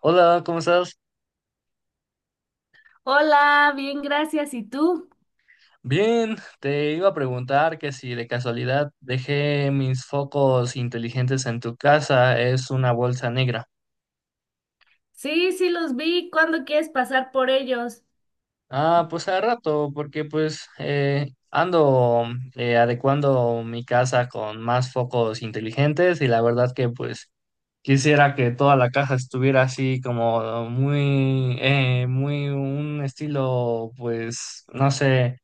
Hola, ¿cómo estás? Hola, bien, gracias. ¿Y tú? Bien, te iba a preguntar que si de casualidad dejé mis focos inteligentes en tu casa, es una bolsa negra. Sí, sí, los vi. ¿Cuándo quieres pasar por ellos? Ah, pues a rato, porque pues ando adecuando mi casa con más focos inteligentes y la verdad que pues quisiera que toda la casa estuviera así como muy, muy un estilo, pues no sé.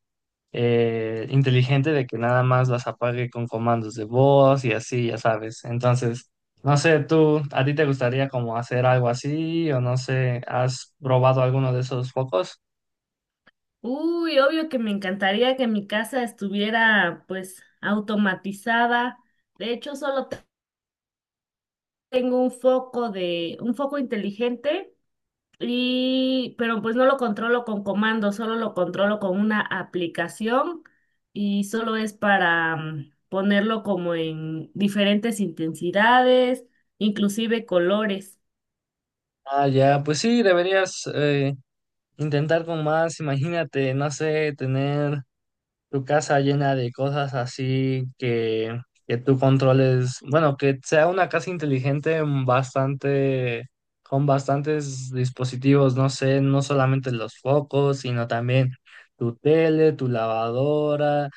Inteligente de que nada más las apague con comandos de voz y así, ya sabes. Entonces, no sé, tú, ¿a ti te gustaría como hacer algo así o no sé, has probado alguno de esos focos? Uy, obvio que me encantaría que mi casa estuviera pues automatizada. De hecho, solo te- tengo un foco inteligente y pero pues no lo controlo con comandos, solo lo controlo con una aplicación y solo es para ponerlo como en diferentes intensidades, inclusive colores. Ah, ya, pues sí, deberías intentar con más, imagínate, no sé, tener tu casa llena de cosas así que tú controles, bueno, que sea una casa inteligente mm, bastante, con bastantes dispositivos, no sé, no solamente los focos, sino también tu tele, tu lavadora,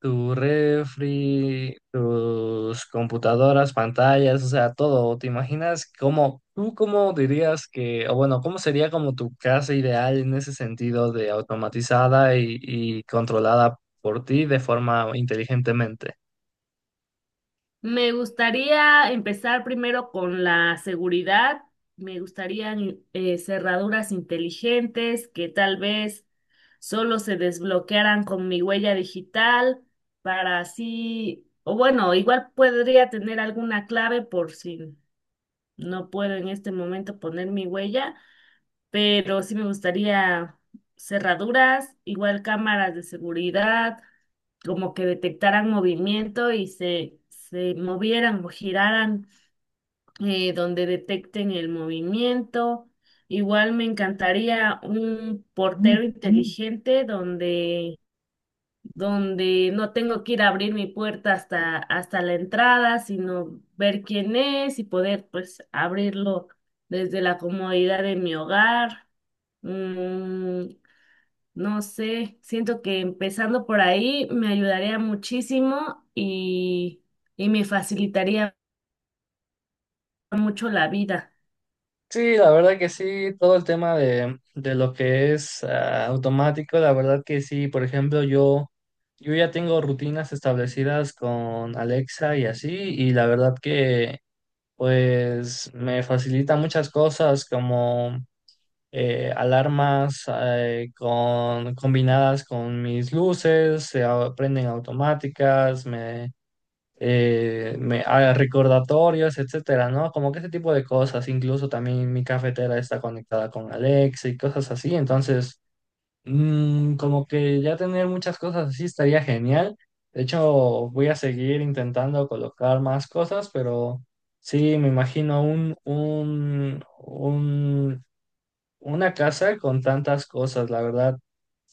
tu refri, tus computadoras, pantallas, o sea, todo. ¿Te imaginas cómo, tú cómo dirías que, o bueno, cómo sería como tu casa ideal en ese sentido de automatizada y controlada por ti de forma inteligentemente? Me gustaría empezar primero con la seguridad. Me gustarían cerraduras inteligentes que tal vez solo se desbloquearan con mi huella digital para así, o bueno, igual podría tener alguna clave por si no puedo en este momento poner mi huella, pero sí me gustaría cerraduras, igual cámaras de seguridad como que detectaran movimiento y se movieran o giraran donde detecten el movimiento. Igual me encantaría un portero inteligente donde no tengo que ir a abrir mi puerta hasta la entrada, sino ver quién es y poder pues abrirlo desde la comodidad de mi hogar. Mm, no sé, siento que empezando por ahí me ayudaría muchísimo y me facilitaría mucho la vida. Sí, la verdad que sí, todo el tema de lo que es ah, automático, la verdad que sí, por ejemplo, yo ya tengo rutinas establecidas con Alexa y así, y la verdad que pues me facilita muchas cosas como alarmas con, combinadas con mis luces, se prenden automáticas, me, me ah, recordatorios, etcétera, ¿no? Como que ese tipo de cosas, incluso también mi cafetera está conectada con Alexa y cosas así, entonces mm, como que ya tener muchas cosas así estaría genial. De hecho, voy a seguir intentando colocar más cosas, pero sí, me imagino una casa con tantas cosas, la verdad.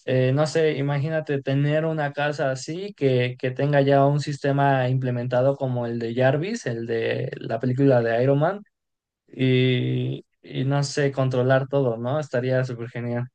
No sé, imagínate tener una casa así que tenga ya un sistema implementado como el de Jarvis, el de la película de Iron Man, y no sé, controlar todo, ¿no? Estaría súper genial.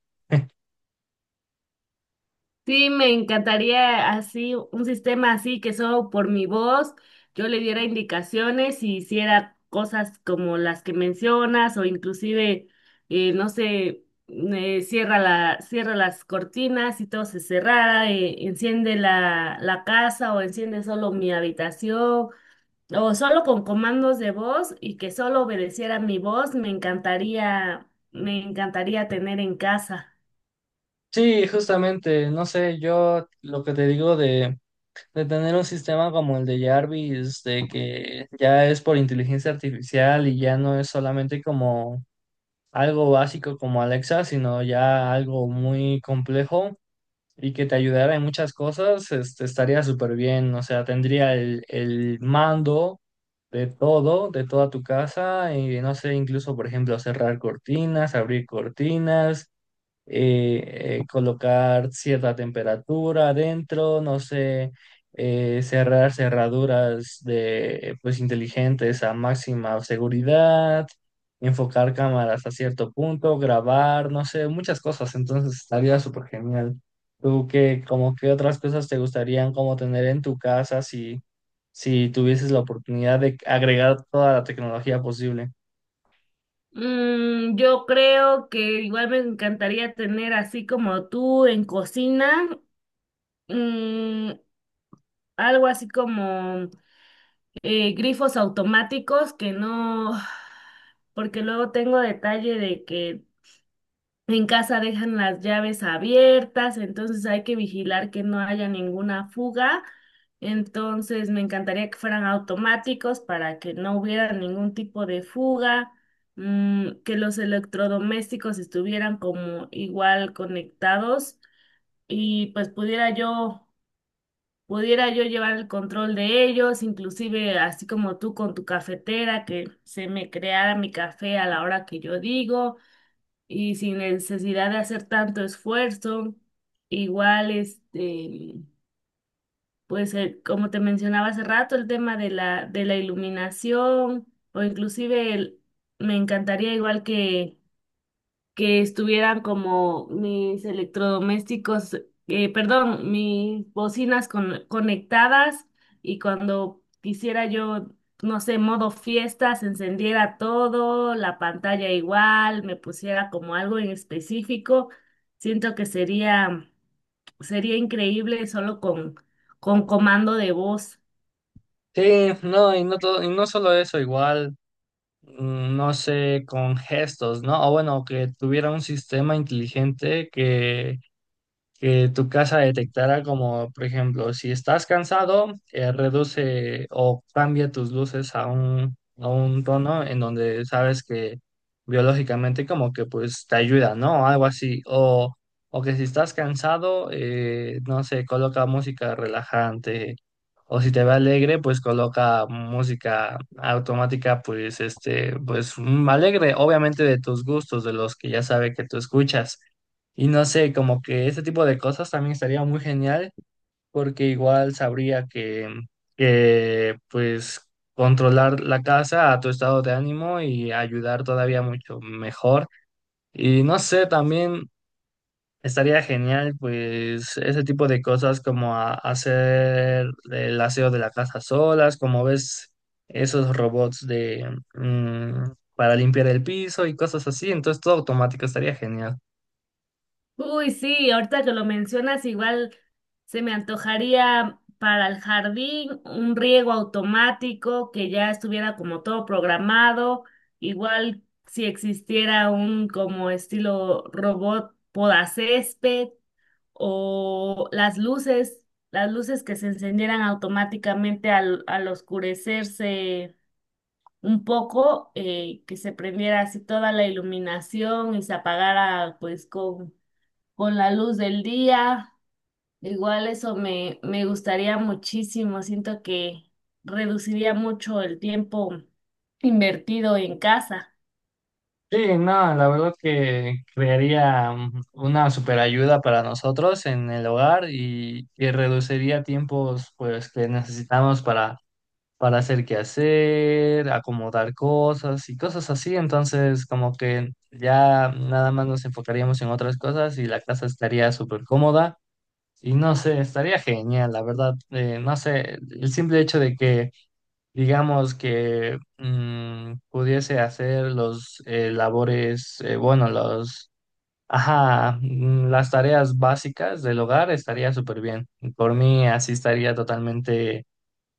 Sí, me encantaría así, un sistema así que solo por mi voz yo le diera indicaciones y hiciera cosas como las que mencionas o inclusive, no sé, cierra cierra las cortinas y todo se cerrara, enciende la casa o enciende solo mi habitación o solo con comandos de voz y que solo obedeciera mi voz, me encantaría tener en casa. Sí, justamente, no sé, yo lo que te digo de tener un sistema como el de Jarvis, de que ya es por inteligencia artificial y ya no es solamente como algo básico como Alexa, sino ya algo muy complejo y que te ayudara en muchas cosas, este, estaría súper bien, o sea, tendría el mando de todo, de toda tu casa y no sé, incluso, por ejemplo, cerrar cortinas, abrir cortinas colocar cierta temperatura adentro, no sé, cerrar cerraduras de, pues, inteligentes a máxima seguridad, enfocar cámaras a cierto punto, grabar, no sé, muchas cosas. Entonces estaría súper genial. ¿Tú qué, como qué otras cosas te gustarían como tener en tu casa si, si tuvieses la oportunidad de agregar toda la tecnología posible? Yo creo que igual me encantaría tener así como tú en cocina, mm, algo así como grifos automáticos que no, porque luego tengo detalle de que en casa dejan las llaves abiertas, entonces hay que vigilar que no haya ninguna fuga. Entonces me encantaría que fueran automáticos para que no hubiera ningún tipo de fuga, que los electrodomésticos estuvieran como igual conectados y pudiera yo llevar el control de ellos, inclusive así como tú con tu cafetera, que se me creara mi café a la hora que yo digo y sin necesidad de hacer tanto esfuerzo. Igual, este, pues como te mencionaba hace rato, el tema de de la iluminación o inclusive el- me encantaría igual que estuvieran como mis electrodomésticos, perdón, mis bocinas con- conectadas y cuando quisiera yo, no sé, modo fiestas, encendiera todo, la pantalla igual, me pusiera como algo en específico, siento que sería, sería increíble solo con comando de voz. Sí, no, y no todo, y no solo eso, igual. Mm, no sé, con gestos, ¿no? O bueno, que tuviera un sistema inteligente que tu casa detectara como, por ejemplo, si estás cansado, reduce o cambia tus luces a un tono en donde sabes que biológicamente como que pues te ayuda, ¿no? Algo así. O que si estás cansado, no sé, coloca música relajante. O si te ve alegre, pues coloca música automática, pues este, pues mm, alegre, obviamente de tus gustos, de los que ya sabe que tú escuchas. Y no sé, como que ese tipo de cosas también estaría muy genial, porque igual sabría que, pues controlar la casa a tu estado de ánimo y ayudar todavía mucho mejor. Y no sé, también estaría genial, pues ese tipo de cosas como hacer el aseo de la casa solas, como ves esos robots de mm, para limpiar el piso y cosas así. Entonces todo automático estaría genial. Uy, sí, ahorita que lo mencionas, igual se me antojaría para el jardín un riego automático que ya estuviera como todo programado, igual si existiera un como estilo robot podacésped o las luces que se encendieran automáticamente al oscurecerse un poco, que se prendiera así toda la iluminación y se apagara pues con la luz del día. Igual eso me gustaría muchísimo. Siento que reduciría mucho el tiempo invertido en casa. Sí, no, la verdad que crearía mm, una super ayuda para nosotros en el hogar y reduciría tiempos pues que necesitamos para hacer qué hacer, acomodar cosas y cosas así. Entonces, como que ya nada más nos enfocaríamos en otras cosas y la casa estaría súper cómoda. Y no sé, estaría genial, la verdad. No sé, el simple hecho de que digamos que mm, pudiese hacer los labores, bueno, los, ajá, mm, las tareas básicas del hogar estaría súper bien. Por mí así estaría totalmente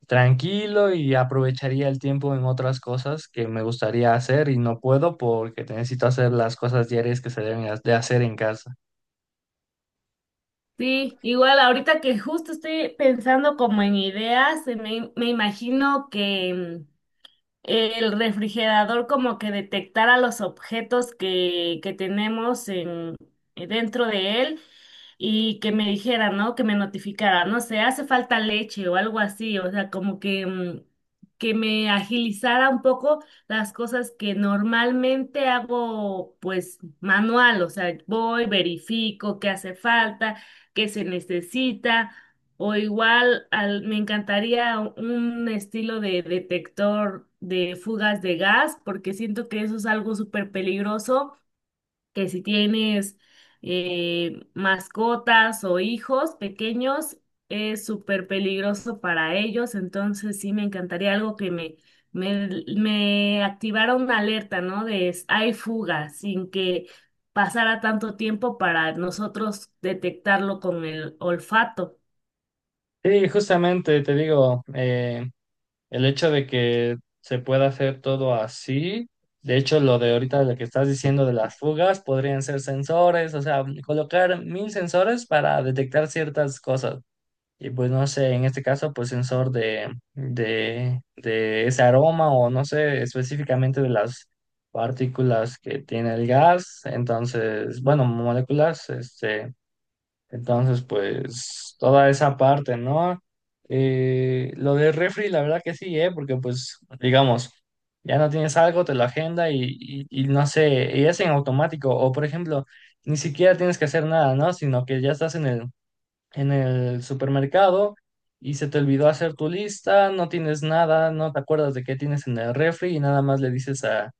tranquilo y aprovecharía el tiempo en otras cosas que me gustaría hacer y no puedo porque necesito hacer las cosas diarias que se deben de hacer en casa. Sí, igual ahorita que justo estoy pensando como en ideas, me imagino que el refrigerador como que detectara los objetos que tenemos en, dentro de él y que me dijera, ¿no? Que me notificara, no sé, hace falta leche o algo así, o sea, como que, que me agilizara un poco las cosas que normalmente hago pues manual, o sea, voy, verifico qué hace falta, qué se necesita. O igual al- me encantaría un estilo de detector de fugas de gas, porque siento que eso es algo súper peligroso, que si tienes mascotas o hijos pequeños, es súper peligroso para ellos. Entonces sí me encantaría algo me, me activara una alerta, ¿no? De s- hay fugas, sin que pasara tanto tiempo para nosotros detectarlo con el olfato. Sí, justamente te digo, el hecho de que se pueda hacer todo así, de hecho, lo de ahorita, lo que estás diciendo de las fugas, podrían ser sensores, o sea, colocar mil sensores para detectar ciertas cosas. Y pues no sé, en este caso, pues sensor de, de ese aroma o no sé, específicamente de las partículas que tiene el gas. Entonces, bueno, moléculas, este. Entonces, pues toda esa parte, ¿no? Lo del refri, la verdad que sí, ¿eh? Porque pues, digamos, ya no tienes algo, te lo agenda y no sé, y es en automático. O por ejemplo, ni siquiera tienes que hacer nada, ¿no? Sino que ya estás en el supermercado y se te olvidó hacer tu lista, no tienes nada, no te acuerdas de qué tienes en el refri y nada más le dices a,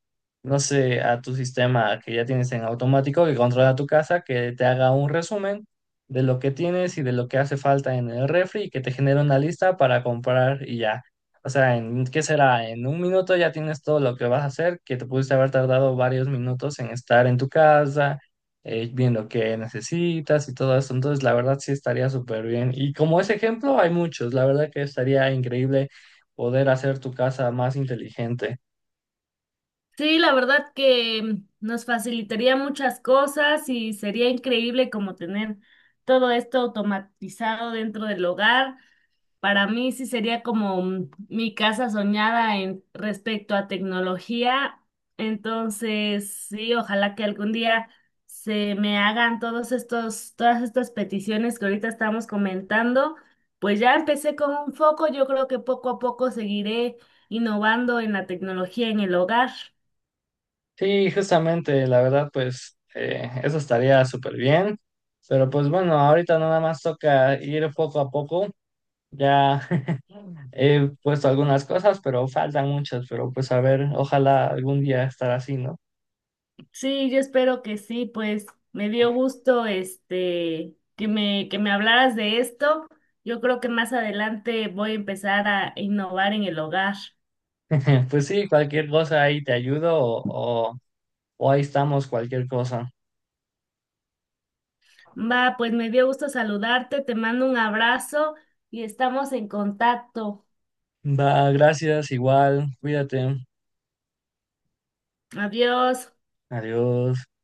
no sé, a tu sistema que ya tienes en automático que controla tu casa, que te haga un resumen de lo que tienes y de lo que hace falta en el refri y que te genere una lista para comprar y ya. O sea, ¿en qué será? En un minuto ya tienes todo lo que vas a hacer, que te pudiste haber tardado varios minutos en estar en tu casa viendo qué necesitas y todo eso. Entonces, la verdad sí estaría súper bien. Y como ese ejemplo, hay muchos. La verdad que estaría increíble poder hacer tu casa más inteligente. Sí, la verdad que nos facilitaría muchas cosas y sería increíble como tener todo esto automatizado dentro del hogar. Para mí sí sería como mi casa soñada en respecto a tecnología. Entonces, sí, ojalá que algún día se me hagan todas estas peticiones que ahorita estamos comentando. Pues ya empecé con un foco, yo creo que poco a poco seguiré innovando en la tecnología en el hogar. Sí, justamente, la verdad, pues eso estaría súper bien. Pero pues bueno, ahorita nada más toca ir poco a poco. Ya he puesto algunas cosas, pero faltan muchas. Pero pues a ver, ojalá algún día estar así, ¿no? Sí, yo espero que sí, pues me dio gusto este que me hablaras de esto. Yo creo que más adelante voy a empezar a innovar en el hogar. Pues sí, cualquier cosa ahí te ayudo o o ahí estamos, cualquier cosa. Va, pues me dio gusto saludarte, te mando un abrazo y estamos en contacto. Va, gracias, igual, cuídate, Adiós. adiós.